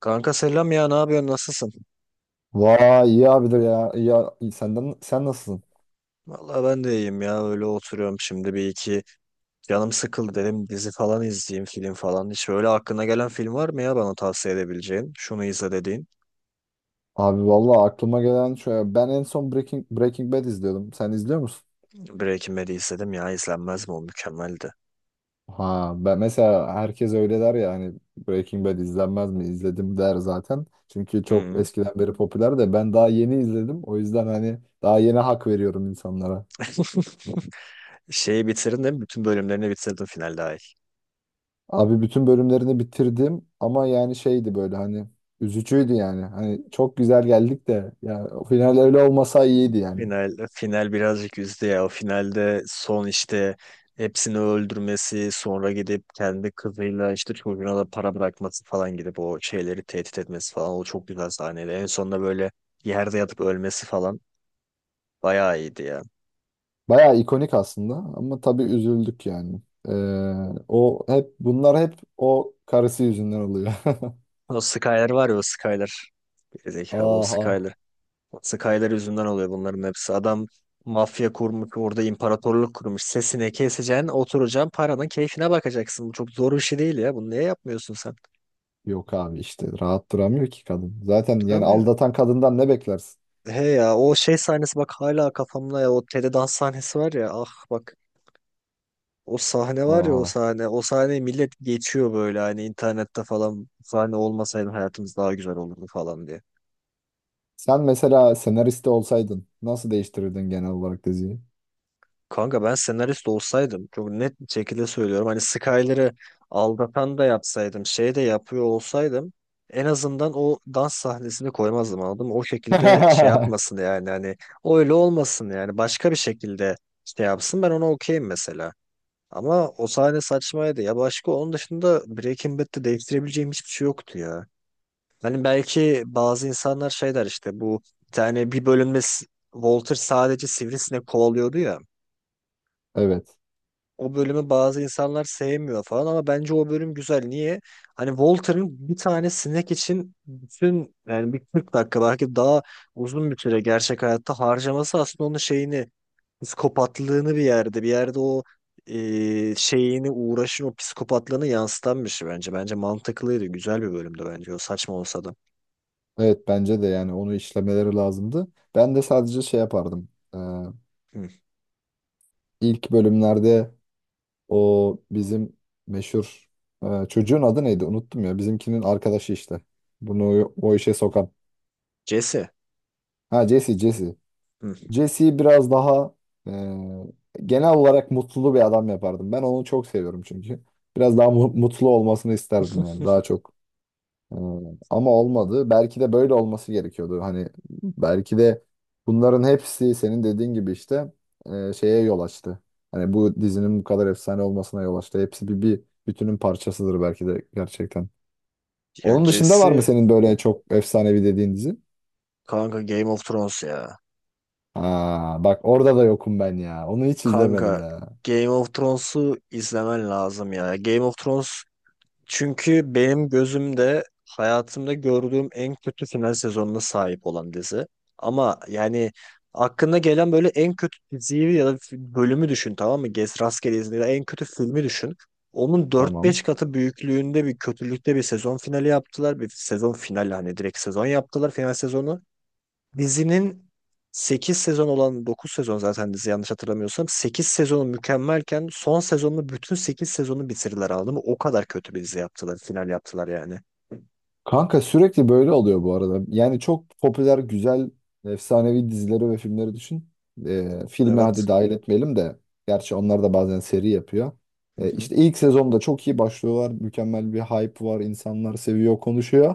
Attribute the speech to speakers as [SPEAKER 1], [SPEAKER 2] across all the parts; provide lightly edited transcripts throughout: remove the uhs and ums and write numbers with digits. [SPEAKER 1] Kanka selam ya, ne yapıyorsun, nasılsın?
[SPEAKER 2] Vay iyi abidir ya. İyi, iyi. Senden sen nasılsın?
[SPEAKER 1] Vallahi ben de iyiyim ya, öyle oturuyorum şimdi. Bir iki canım sıkıldı, dedim dizi falan izleyeyim, film falan. Hiç öyle aklına gelen film var mı ya, bana tavsiye edebileceğin? Şunu izle dediğin.
[SPEAKER 2] Abi vallahi aklıma gelen şöyle ben en son Breaking Bad izliyordum. Sen izliyor musun?
[SPEAKER 1] Breaking Bad'i izledim ya, izlenmez mi, o mükemmeldi.
[SPEAKER 2] Ha ben mesela herkes öyle der ya hani Breaking Bad izlenmez mi? İzledim der zaten. Çünkü çok
[SPEAKER 1] Hı.
[SPEAKER 2] eskiden beri popüler de ben daha yeni izledim. O yüzden hani daha yeni hak veriyorum insanlara.
[SPEAKER 1] Şeyi bitirdin değil mi? Bütün bölümlerini bitirdin finalde.
[SPEAKER 2] Abi bütün bölümlerini bitirdim ama yani şeydi böyle hani üzücüydü yani. Hani çok güzel geldik de yani o final öyle olmasa iyiydi yani.
[SPEAKER 1] Final birazcık üzdü ya. O finalde son işte hepsini öldürmesi, sonra gidip kendi kızıyla işte çocuğuna da para bırakması falan, gidip o şeyleri tehdit etmesi falan, o çok güzel sahneydi. En sonunda böyle yerde yatıp ölmesi falan bayağı iyiydi ya.
[SPEAKER 2] Bayağı ikonik aslında ama tabii üzüldük yani. Ee, O hep bunlar hep o karısı yüzünden oluyor.
[SPEAKER 1] O Skyler var ya, o Skyler. Gerizekalı o
[SPEAKER 2] Ah ah.
[SPEAKER 1] Skyler. O Skyler yüzünden oluyor bunların hepsi. Adam mafya kurmuş orada, imparatorluk kurmuş. Sesini keseceksin, oturacaksın, paranın keyfine bakacaksın. Bu çok zor bir şey değil ya. Bunu niye yapmıyorsun sen?
[SPEAKER 2] Yok abi işte rahat duramıyor ki kadın. Zaten yani
[SPEAKER 1] Duramıyor.
[SPEAKER 2] aldatan kadından ne beklersin?
[SPEAKER 1] He ya, o şey sahnesi bak hala kafamda ya, o Tele dans sahnesi var ya, ah bak, o sahne var ya o
[SPEAKER 2] Aha.
[SPEAKER 1] sahne, o sahneyi millet geçiyor böyle hani internette falan, "Bu sahne olmasaydı hayatımız daha güzel olurdu" falan diye.
[SPEAKER 2] Sen mesela senariste olsaydın nasıl değiştirirdin genel olarak diziyi?
[SPEAKER 1] Kanka ben senarist olsaydım, çok net bir şekilde söylüyorum, hani Skyler'ı aldatan da yapsaydım, şey de yapıyor olsaydım, en azından o dans sahnesini koymazdım, anladın mı? O şekilde şey yapmasın yani, hani öyle olmasın yani, başka bir şekilde şey yapsın, ben ona okeyim mesela. Ama o sahne saçmaydı. Ya başka onun dışında Breaking Bad'de değiştirebileceğim hiçbir şey yoktu ya. Hani belki bazı insanlar şey der işte, bu bir tane bir bölümde Walter sadece sivrisinek kovalıyordu ya,
[SPEAKER 2] Evet.
[SPEAKER 1] o bölümü bazı insanlar sevmiyor falan, ama bence o bölüm güzel. Niye? Hani Walter'ın bir tane sinek için bütün, yani bir 40 dakika belki daha uzun bir süre gerçek hayatta harcaması, aslında onun şeyini, psikopatlığını, bir yerde o şeyini, uğraşın, o psikopatlığını yansıtan bir şey bence. Bence mantıklıydı. Güzel bir bölümdü bence. O saçma olsa da.
[SPEAKER 2] Evet bence de yani onu işlemeleri lazımdı. Ben de sadece şey yapardım. Ee,
[SPEAKER 1] Hı.
[SPEAKER 2] ilk bölümlerde o bizim meşhur çocuğun adı neydi? Unuttum ya. Bizimkinin arkadaşı işte. Bunu o işe sokan.
[SPEAKER 1] Jesse.
[SPEAKER 2] Ha Jesse, Jesse.
[SPEAKER 1] Hı.
[SPEAKER 2] Jesse'yi biraz daha genel olarak mutlu bir adam yapardım. Ben onu çok seviyorum çünkü. Biraz daha mutlu olmasını isterdim yani. Daha çok. Hmm, ama olmadı. Belki de böyle olması gerekiyordu. Hani belki de bunların hepsi senin dediğin gibi işte şeye yol açtı. Hani bu dizinin bu kadar efsane olmasına yol açtı. Hepsi bir bütünün parçasıdır belki de gerçekten.
[SPEAKER 1] Ya
[SPEAKER 2] Onun dışında var mı
[SPEAKER 1] Jesse,
[SPEAKER 2] senin böyle çok efsanevi dediğin dizi?
[SPEAKER 1] kanka Game of Thrones ya.
[SPEAKER 2] Ha, bak orada da yokum ben ya. Onu hiç izlemedim
[SPEAKER 1] Kanka
[SPEAKER 2] ya.
[SPEAKER 1] Game of Thrones'u izlemen lazım ya. Game of Thrones, çünkü benim gözümde hayatımda gördüğüm en kötü final sezonuna sahip olan dizi. Ama yani aklına gelen böyle en kötü diziyi ya da bölümü düşün, tamam mı? Gez rastgele izle ya, en kötü filmi düşün. Onun dört
[SPEAKER 2] Tamam.
[SPEAKER 1] beş katı büyüklüğünde bir kötülükte bir sezon finali yaptılar. Bir sezon finali, hani direkt sezon yaptılar, final sezonu. Dizinin 8 sezon olan, 9 sezon zaten dizi yanlış hatırlamıyorsam, 8 sezonu mükemmelken son sezonunu, bütün 8 sezonu bitirdiler, anladın mı? O kadar kötü bir dizi yaptılar, final yaptılar yani.
[SPEAKER 2] Kanka sürekli böyle oluyor bu arada. Yani çok popüler, güzel, efsanevi dizileri ve filmleri düşün. Filmi hadi
[SPEAKER 1] Evet.
[SPEAKER 2] dahil etmeyelim de. Gerçi onlar da bazen seri yapıyor.
[SPEAKER 1] Hı hı.
[SPEAKER 2] İşte ilk sezonda çok iyi başlıyorlar. Mükemmel bir hype var. İnsanlar seviyor, konuşuyor.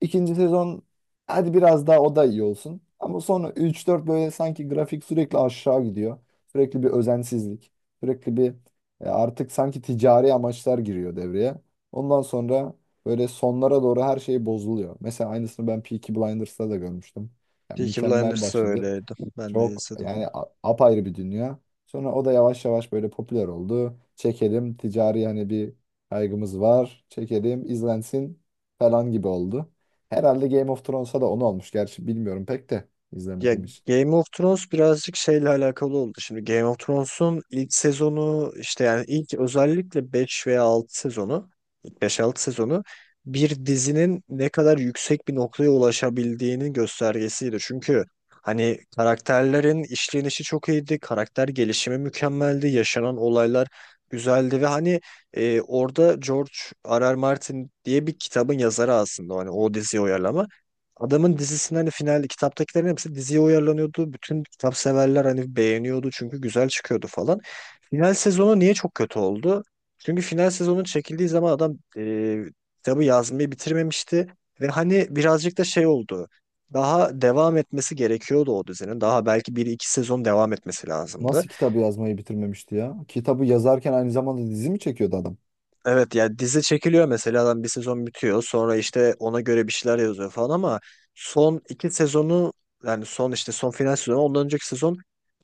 [SPEAKER 2] İkinci sezon hadi biraz daha o da iyi olsun. Ama sonra üç dört böyle sanki grafik sürekli aşağı gidiyor. Sürekli bir özensizlik. Sürekli bir Artık sanki ticari amaçlar giriyor devreye. Ondan sonra böyle sonlara doğru her şey bozuluyor. Mesela aynısını ben Peaky Blinders'ta da görmüştüm. Yani
[SPEAKER 1] Peaky
[SPEAKER 2] mükemmel
[SPEAKER 1] Blinders da
[SPEAKER 2] başladı.
[SPEAKER 1] öyleydi. Ben de
[SPEAKER 2] Çok
[SPEAKER 1] izledim.
[SPEAKER 2] yani apayrı bir dünya. Sonra o da yavaş yavaş böyle popüler oldu. Çekelim ticari hani bir kaygımız var. Çekelim izlensin falan gibi oldu. Herhalde Game of Thrones'a da onu olmuş. Gerçi bilmiyorum pek de
[SPEAKER 1] Ya
[SPEAKER 2] izlemediğim için.
[SPEAKER 1] Game of Thrones birazcık şeyle alakalı oldu. Şimdi Game of Thrones'un ilk sezonu işte, yani ilk, özellikle beş veya 6 sezonu, ilk 5 6 sezonu, bir dizinin ne kadar yüksek bir noktaya ulaşabildiğinin göstergesiydi. Çünkü hani karakterlerin işlenişi çok iyiydi, karakter gelişimi mükemmeldi, yaşanan olaylar güzeldi ve hani orada George R. R. Martin diye bir kitabın yazarı aslında, hani o diziyi uyarlama. Adamın dizisinin hani final, kitaptakilerin hepsi diziye uyarlanıyordu. Bütün kitap severler hani beğeniyordu çünkü güzel çıkıyordu falan. Final sezonu niye çok kötü oldu? Çünkü final sezonun çekildiği zaman adam kitabı yazmayı bitirmemişti. Ve hani birazcık da şey oldu. Daha devam etmesi gerekiyordu o dizinin. Daha belki bir iki sezon devam etmesi lazımdı.
[SPEAKER 2] Nasıl kitabı yazmayı bitirmemişti ya? Kitabı yazarken aynı zamanda dizi mi çekiyordu adam?
[SPEAKER 1] Evet ya, dizi çekiliyor mesela, adam bir sezon bitiyor, sonra işte ona göre bir şeyler yazıyor falan, ama son iki sezonu, yani son işte son final sezonu, ondan önceki sezon,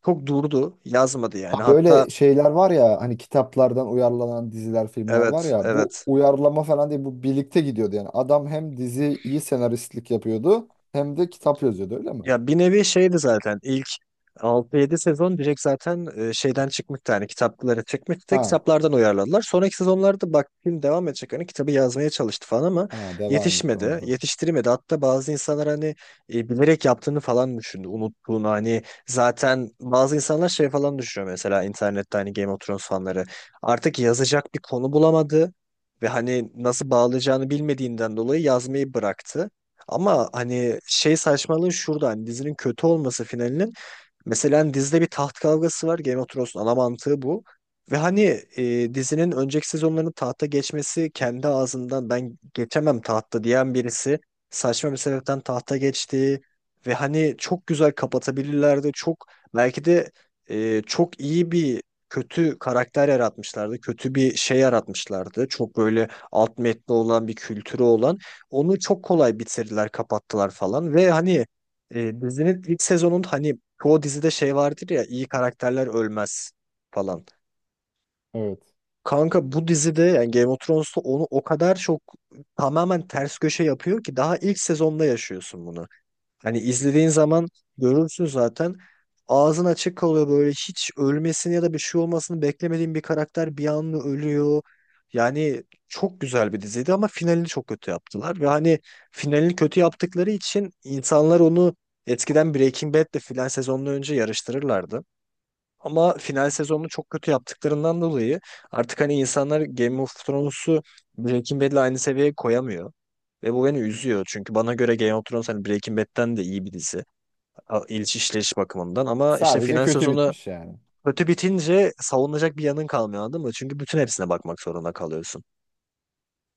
[SPEAKER 1] çok durdu, yazmadı yani,
[SPEAKER 2] Ha
[SPEAKER 1] hatta
[SPEAKER 2] böyle şeyler var ya hani kitaplardan uyarlanan diziler, filmler var
[SPEAKER 1] evet
[SPEAKER 2] ya bu
[SPEAKER 1] evet.
[SPEAKER 2] uyarlama falan değil bu birlikte gidiyordu yani. Adam hem diziyi senaristlik yapıyordu hem de kitap yazıyordu öyle mi?
[SPEAKER 1] Ya bir nevi şeydi zaten, ilk altı yedi sezon direkt zaten şeyden çıkmıştı, hani kitaplara çıkmıştı da,
[SPEAKER 2] Ha,
[SPEAKER 1] kitaplardan uyarladılar. Sonraki sezonlarda bak, film devam edecek, hani kitabı yazmaya çalıştı falan ama
[SPEAKER 2] ha devam etti ona
[SPEAKER 1] yetişmedi,
[SPEAKER 2] da.
[SPEAKER 1] yetiştiremedi. Hatta bazı insanlar hani bilerek yaptığını falan düşündü, unuttuğunu hani, zaten bazı insanlar şey falan düşünüyor mesela internette, hani Game of Thrones fanları, artık yazacak bir konu bulamadı. Ve hani nasıl bağlayacağını bilmediğinden dolayı yazmayı bıraktı. Ama hani şey saçmalığı şurada, hani dizinin kötü olması finalinin, mesela hani dizide bir taht kavgası var. Game of Thrones'un ana mantığı bu. Ve hani dizinin önceki sezonlarının, tahta geçmesi kendi ağzından ben geçemem tahta diyen birisi, saçma bir sebepten tahta geçti. Ve hani çok güzel kapatabilirlerdi. Çok belki de çok iyi bir kötü karakter yaratmışlardı. Kötü bir şey yaratmışlardı. Çok böyle alt metni olan, bir kültürü olan. Onu çok kolay bitirdiler, kapattılar falan. Ve hani dizinin ilk sezonun hani, çoğu dizide şey vardır ya, iyi karakterler ölmez falan.
[SPEAKER 2] Evet.
[SPEAKER 1] Kanka bu dizide, yani Game of Thrones'ta onu o kadar çok tamamen ters köşe yapıyor ki, daha ilk sezonda yaşıyorsun bunu. Hani izlediğin zaman görürsün zaten, ağzın açık kalıyor böyle, hiç ölmesini ya da bir şey olmasını beklemediğin bir karakter bir anda ölüyor. Yani çok güzel bir diziydi ama finalini çok kötü yaptılar ve hani finalini kötü yaptıkları için insanlar onu eskiden Breaking Bad'le filan sezondan önce yarıştırırlardı. Ama final sezonunu çok kötü yaptıklarından dolayı artık hani insanlar Game of Thrones'u Breaking Bad'le aynı seviyeye koyamıyor. Ve bu beni üzüyor. Çünkü bana göre Game of Thrones hani Breaking Bad'den de iyi bir dizi. İliş işleyiş bakımından. Ama işte
[SPEAKER 2] Sadece
[SPEAKER 1] final
[SPEAKER 2] kötü
[SPEAKER 1] sezonu
[SPEAKER 2] bitmiş yani.
[SPEAKER 1] kötü bitince savunacak bir yanın kalmıyor, anladın mı? Çünkü bütün hepsine bakmak zorunda kalıyorsun.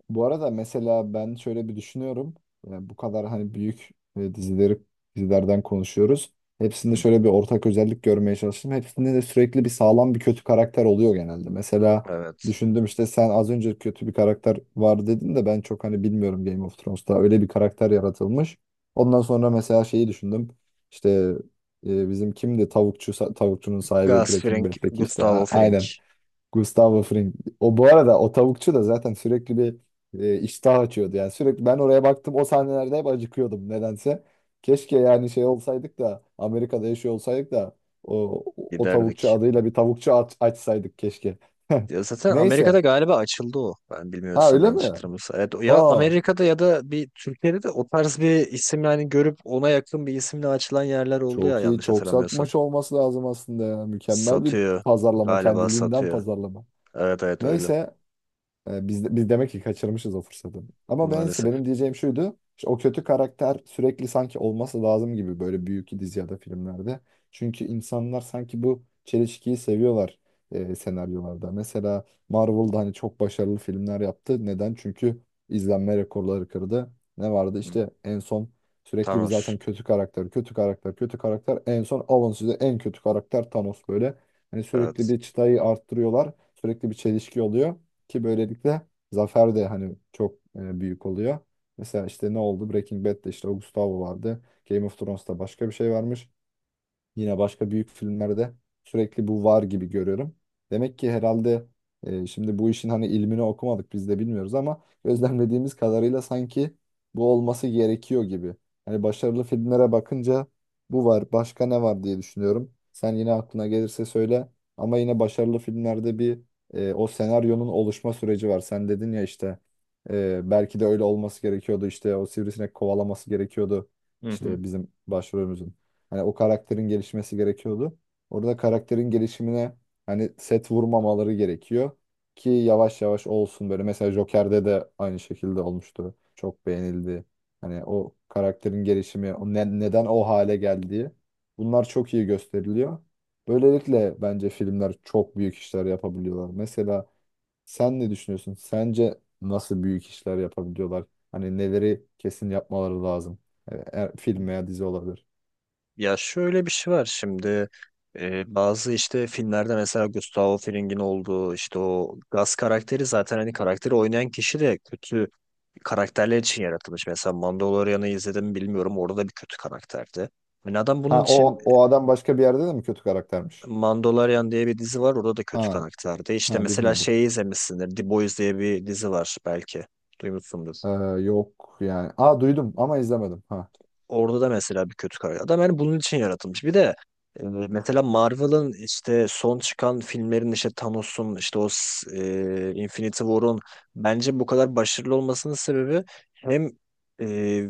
[SPEAKER 2] Bu arada mesela ben şöyle bir düşünüyorum. Yani bu kadar hani büyük e, dizileri dizilerden konuşuyoruz. Hepsinde
[SPEAKER 1] Hı.
[SPEAKER 2] şöyle bir ortak özellik görmeye çalıştım. Hepsinde de sürekli bir sağlam bir kötü karakter oluyor genelde. Mesela
[SPEAKER 1] Evet.
[SPEAKER 2] düşündüm işte sen az önce kötü bir karakter var dedin de ben çok hani bilmiyorum Game of Thrones'ta öyle bir karakter yaratılmış. Ondan sonra mesela şeyi düşündüm. İşte bizim kimdi tavukçunun sahibi
[SPEAKER 1] Gus
[SPEAKER 2] Breaking
[SPEAKER 1] Fring,
[SPEAKER 2] Bad'deki işte
[SPEAKER 1] Gustavo Fring,
[SPEAKER 2] aynen. Gustavo Fring. O bu arada o tavukçu da zaten sürekli bir iştah açıyordu. Yani sürekli ben oraya baktım o sahnelerde hep acıkıyordum nedense. Keşke yani şey olsaydık da Amerika'da yaşıyor olsaydık da o, o tavukçu
[SPEAKER 1] giderdik.
[SPEAKER 2] adıyla bir tavukçu açsaydık keşke.
[SPEAKER 1] Ya zaten Amerika'da
[SPEAKER 2] Neyse.
[SPEAKER 1] galiba açıldı o. Ben
[SPEAKER 2] Ha
[SPEAKER 1] bilmiyorsam,
[SPEAKER 2] öyle mi?
[SPEAKER 1] yanlış hatırlamıyorsam. Evet, ya
[SPEAKER 2] Aa
[SPEAKER 1] Amerika'da ya da bir Türkiye'de de o tarz bir isim, yani görüp ona yakın bir isimle açılan yerler oldu ya,
[SPEAKER 2] çok iyi
[SPEAKER 1] yanlış
[SPEAKER 2] çok
[SPEAKER 1] hatırlamıyorsam.
[SPEAKER 2] satmış olması lazım aslında ya. Mükemmel bir
[SPEAKER 1] Satıyor.
[SPEAKER 2] pazarlama,
[SPEAKER 1] Galiba
[SPEAKER 2] kendiliğinden
[SPEAKER 1] satıyor.
[SPEAKER 2] pazarlama.
[SPEAKER 1] Evet evet, öyle.
[SPEAKER 2] Neyse. E, biz demek ki kaçırmışız o fırsatı. Ama neyse
[SPEAKER 1] Maalesef.
[SPEAKER 2] benim diyeceğim şuydu. İşte o kötü karakter sürekli sanki olması lazım gibi böyle büyük dizi ya da filmlerde. Çünkü insanlar sanki bu çelişkiyi seviyorlar senaryolarda. Mesela Marvel'da hani çok başarılı filmler yaptı. Neden? Çünkü izlenme rekorları kırdı. Ne vardı?
[SPEAKER 1] Hı.
[SPEAKER 2] İşte en son sürekli bir
[SPEAKER 1] Thanos.
[SPEAKER 2] zaten kötü karakter. En son alın size en kötü karakter Thanos böyle. Hani sürekli
[SPEAKER 1] Evet.
[SPEAKER 2] bir çıtayı arttırıyorlar. Sürekli bir çelişki oluyor. Ki böylelikle zafer de hani çok büyük oluyor. Mesela işte ne oldu? Breaking Bad'de işte o Gustavo vardı. Game of Thrones'ta başka bir şey varmış. Yine başka büyük filmlerde sürekli bu var gibi görüyorum. Demek ki herhalde şimdi bu işin hani ilmini okumadık biz de bilmiyoruz ama gözlemlediğimiz kadarıyla sanki bu olması gerekiyor gibi. Hani başarılı filmlere bakınca bu var, başka ne var diye düşünüyorum. Sen yine aklına gelirse söyle ama yine başarılı filmlerde bir o senaryonun oluşma süreci var. Sen dedin ya işte belki de öyle olması gerekiyordu, işte o sivrisinek kovalaması gerekiyordu
[SPEAKER 1] Hı hı.
[SPEAKER 2] işte bizim başrolümüzün. Hani o karakterin gelişmesi gerekiyordu. Orada karakterin gelişimine hani set vurmamaları gerekiyor ki yavaş yavaş olsun böyle. Mesela Joker'de de aynı şekilde olmuştu. Çok beğenildi. Hani o karakterin gelişimi, o neden o hale geldiği, bunlar çok iyi gösteriliyor. Böylelikle bence filmler çok büyük işler yapabiliyorlar. Mesela sen ne düşünüyorsun? Sence nasıl büyük işler yapabiliyorlar? Hani neleri kesin yapmaları lazım? Film veya dizi olabilir.
[SPEAKER 1] Ya şöyle bir şey var şimdi, bazı işte filmlerde mesela Gustavo Fring'in olduğu işte o gaz karakteri, zaten hani karakteri oynayan kişi de kötü karakterler için yaratılmış. Mesela Mandalorian'ı izledim mi bilmiyorum, orada da bir kötü karakterdi. Yani adam
[SPEAKER 2] Ha
[SPEAKER 1] bunun için,
[SPEAKER 2] o o adam başka bir yerde de mi kötü karaktermiş?
[SPEAKER 1] Mandalorian diye bir dizi var, orada da kötü
[SPEAKER 2] Ha
[SPEAKER 1] karakterdi. İşte
[SPEAKER 2] ha
[SPEAKER 1] mesela
[SPEAKER 2] bilmiyordum.
[SPEAKER 1] şeyi izlemişsindir, The Boys diye bir dizi var, belki duymuşsundur.
[SPEAKER 2] Ee, Yok yani. Aa duydum ama izlemedim. Ha.
[SPEAKER 1] Orada da mesela bir kötü karakter. Adam yani bunun için yaratılmış. Bir de mesela Marvel'ın işte son çıkan filmlerin, işte Thanos'un, işte o Infinity War'un bence bu kadar başarılı olmasının sebebi, hem e,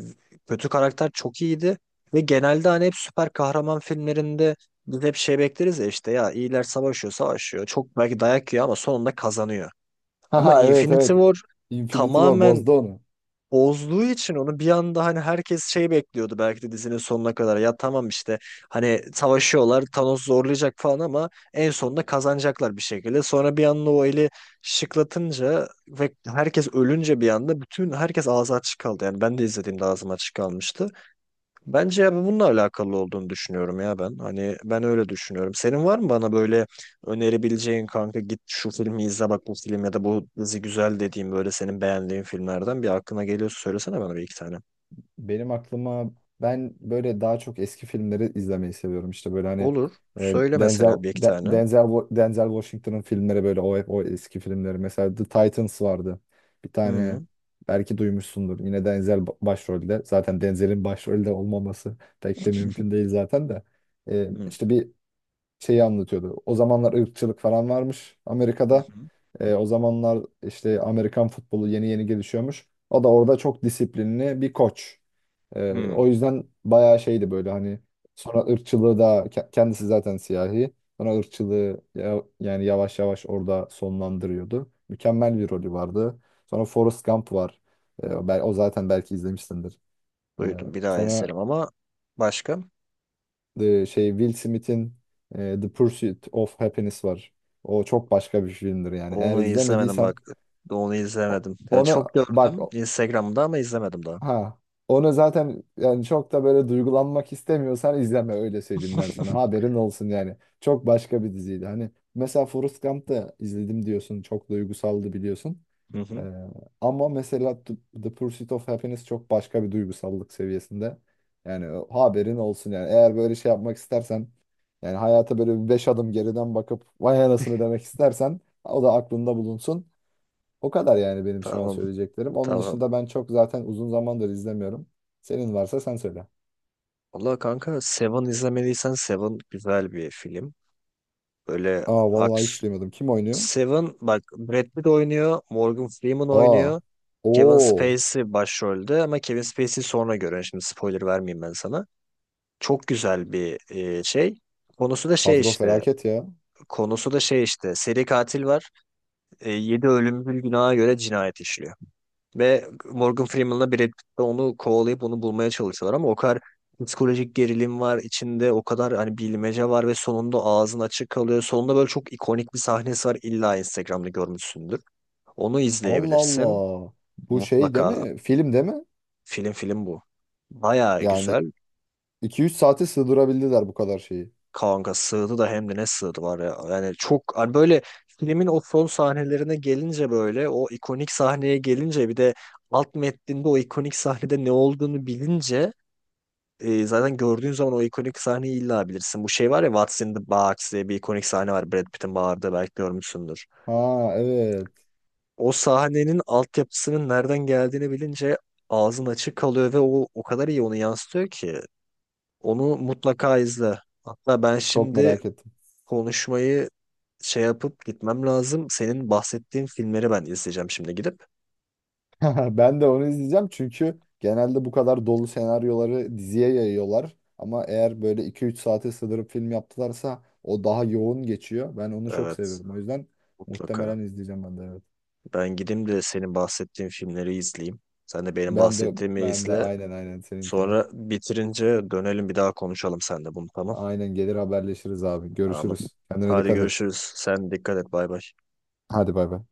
[SPEAKER 1] kötü karakter çok iyiydi, ve genelde hani hep süper kahraman filmlerinde biz hep şey bekleriz ya, işte ya iyiler savaşıyor savaşıyor, çok belki dayak yiyor ama sonunda kazanıyor. Ama
[SPEAKER 2] Ha evet
[SPEAKER 1] Infinity
[SPEAKER 2] evet.
[SPEAKER 1] War
[SPEAKER 2] Infinity War
[SPEAKER 1] tamamen
[SPEAKER 2] bozdu onu.
[SPEAKER 1] bozduğu için onu, bir anda hani herkes şey bekliyordu belki de dizinin sonuna kadar. Ya tamam işte hani savaşıyorlar, Thanos zorlayacak falan, ama en sonunda kazanacaklar bir şekilde. Sonra bir anda o eli şıklatınca ve herkes ölünce, bir anda bütün herkes ağzı açık kaldı. Yani ben de izlediğimde ağzım açık kalmıştı. Bence abi bununla alakalı olduğunu düşünüyorum ya ben. Hani ben öyle düşünüyorum. Senin var mı bana böyle önerebileceğin, kanka git şu filmi izle, bak bu film ya da bu dizi güzel dediğim böyle senin beğendiğin filmlerden bir aklına geliyorsa söylesene bana, bir iki tane.
[SPEAKER 2] Benim aklıma ben böyle daha çok eski filmleri izlemeyi seviyorum. İşte böyle hani
[SPEAKER 1] Olur.
[SPEAKER 2] e,
[SPEAKER 1] Söyle
[SPEAKER 2] Denzel
[SPEAKER 1] mesela bir iki
[SPEAKER 2] De-
[SPEAKER 1] tane.
[SPEAKER 2] Denzel Wa- Denzel Washington'ın filmleri böyle o hep o eski filmleri. Mesela The Titans vardı. Bir
[SPEAKER 1] Hı
[SPEAKER 2] tane
[SPEAKER 1] hı,
[SPEAKER 2] belki duymuşsundur. Yine Denzel başrolde. Zaten Denzel'in başrolde olmaması pek de mümkün değil zaten de.
[SPEAKER 1] hı
[SPEAKER 2] İşte bir şeyi anlatıyordu. O zamanlar ırkçılık falan varmış
[SPEAKER 1] hı.
[SPEAKER 2] Amerika'da. O zamanlar işte Amerikan futbolu yeni yeni gelişiyormuş. O da orada çok disiplinli bir koç.
[SPEAKER 1] Hı.
[SPEAKER 2] O yüzden bayağı şeydi böyle hani sonra ırkçılığı da kendisi zaten siyahi. Sonra ırkçılığı yani yavaş yavaş orada sonlandırıyordu. Mükemmel bir rolü vardı. Sonra Forrest Gump var. O o zaten belki izlemişsindir. E,
[SPEAKER 1] Duydum, bir daha
[SPEAKER 2] Sonra
[SPEAKER 1] izlerim ama başka?
[SPEAKER 2] The şey Will Smith'in The Pursuit of Happiness var. O çok başka bir filmdir yani. Eğer
[SPEAKER 1] Onu izlemedim
[SPEAKER 2] izlemediysen
[SPEAKER 1] bak. Onu
[SPEAKER 2] o-
[SPEAKER 1] izlemedim. Ya çok
[SPEAKER 2] onu bak
[SPEAKER 1] gördüm
[SPEAKER 2] o-
[SPEAKER 1] Instagram'da ama izlemedim daha.
[SPEAKER 2] ha onu zaten yani çok da böyle duygulanmak istemiyorsan izleme, öyle söyleyeyim ben sana. Haberin olsun yani. Çok başka bir diziydi. Hani mesela Forrest Gump'ta izledim diyorsun. Çok duygusaldı biliyorsun.
[SPEAKER 1] Hı
[SPEAKER 2] Ee,
[SPEAKER 1] hı.
[SPEAKER 2] Ama mesela The Pursuit of Happiness çok başka bir duygusallık seviyesinde. Yani o haberin olsun yani. Eğer böyle şey yapmak istersen yani hayata böyle bir beş adım geriden bakıp vay anasını demek istersen o da aklında bulunsun. O kadar yani benim şu an
[SPEAKER 1] Tamam.
[SPEAKER 2] söyleyeceklerim. Onun
[SPEAKER 1] Tamam.
[SPEAKER 2] dışında ben çok zaten uzun zamandır izlemiyorum. Senin varsa sen söyle.
[SPEAKER 1] Valla kanka, Seven izlemediysen Seven güzel bir film. Böyle
[SPEAKER 2] Aa vallahi
[SPEAKER 1] aks.
[SPEAKER 2] hiç duymadım. Kim oynuyor?
[SPEAKER 1] Seven bak, Brad Pitt oynuyor, Morgan Freeman
[SPEAKER 2] Aa.
[SPEAKER 1] oynuyor. Kevin
[SPEAKER 2] Oo.
[SPEAKER 1] Spacey başrolde, ama Kevin Spacey'i sonra görün. Şimdi spoiler vermeyeyim ben sana. Çok güzel bir şey. Konusu da şey
[SPEAKER 2] Kadro
[SPEAKER 1] işte.
[SPEAKER 2] felaket ya.
[SPEAKER 1] Konusu da şey işte. Seri katil var. 7 ölümcül günaha göre cinayet işliyor. Ve Morgan Freeman'la Brad Pitt de onu kovalayıp onu bulmaya çalışıyorlar, ama o kadar psikolojik gerilim var içinde, o kadar hani bilmece var, ve sonunda ağzın açık kalıyor. Sonunda böyle çok ikonik bir sahnesi var, illa Instagram'da görmüşsündür. Onu
[SPEAKER 2] Allah
[SPEAKER 1] izleyebilirsin
[SPEAKER 2] Allah. Bu şey değil
[SPEAKER 1] mutlaka,
[SPEAKER 2] mi? Film değil mi?
[SPEAKER 1] film, film bu. Bayağı
[SPEAKER 2] Yani
[SPEAKER 1] güzel.
[SPEAKER 2] 2-3 saate sığdırabildiler bu kadar şeyi.
[SPEAKER 1] Kanka, sığdı da hem de ne sığdı var ya. Yani çok hani böyle, filmin o son sahnelerine gelince, böyle o ikonik sahneye gelince, bir de alt metninde o ikonik sahnede ne olduğunu bilince, zaten gördüğün zaman o ikonik sahneyi illa bilirsin. Bu şey var ya, What's in the Box diye bir ikonik sahne var, Brad Pitt'in bağırdığı, belki görmüşsündür.
[SPEAKER 2] Ha evet.
[SPEAKER 1] O sahnenin altyapısının nereden geldiğini bilince ağzın açık kalıyor, ve o, o kadar iyi onu yansıtıyor ki. Onu mutlaka izle. Hatta ben
[SPEAKER 2] Çok
[SPEAKER 1] şimdi
[SPEAKER 2] merak ettim.
[SPEAKER 1] konuşmayı şey yapıp gitmem lazım. Senin bahsettiğin filmleri ben izleyeceğim şimdi gidip.
[SPEAKER 2] Ben de onu izleyeceğim çünkü genelde bu kadar dolu senaryoları diziye yayıyorlar. Ama eğer böyle 2-3 saate sığdırıp film yaptılarsa o daha yoğun geçiyor. Ben onu çok
[SPEAKER 1] Evet,
[SPEAKER 2] seviyorum. O yüzden
[SPEAKER 1] mutlaka.
[SPEAKER 2] muhtemelen izleyeceğim ben de, evet.
[SPEAKER 1] Ben gideyim de senin bahsettiğin filmleri izleyeyim. Sen de benim
[SPEAKER 2] Ben de
[SPEAKER 1] bahsettiğimi
[SPEAKER 2] ben de
[SPEAKER 1] izle.
[SPEAKER 2] aynen seninkini.
[SPEAKER 1] Sonra bitirince dönelim, bir daha konuşalım sen de bunu, tamam.
[SPEAKER 2] Aynen, gelir haberleşiriz abi.
[SPEAKER 1] Tamam.
[SPEAKER 2] Görüşürüz. Kendine
[SPEAKER 1] Hadi
[SPEAKER 2] dikkat et.
[SPEAKER 1] görüşürüz. Sen dikkat et, bay bay.
[SPEAKER 2] Hadi bay bay.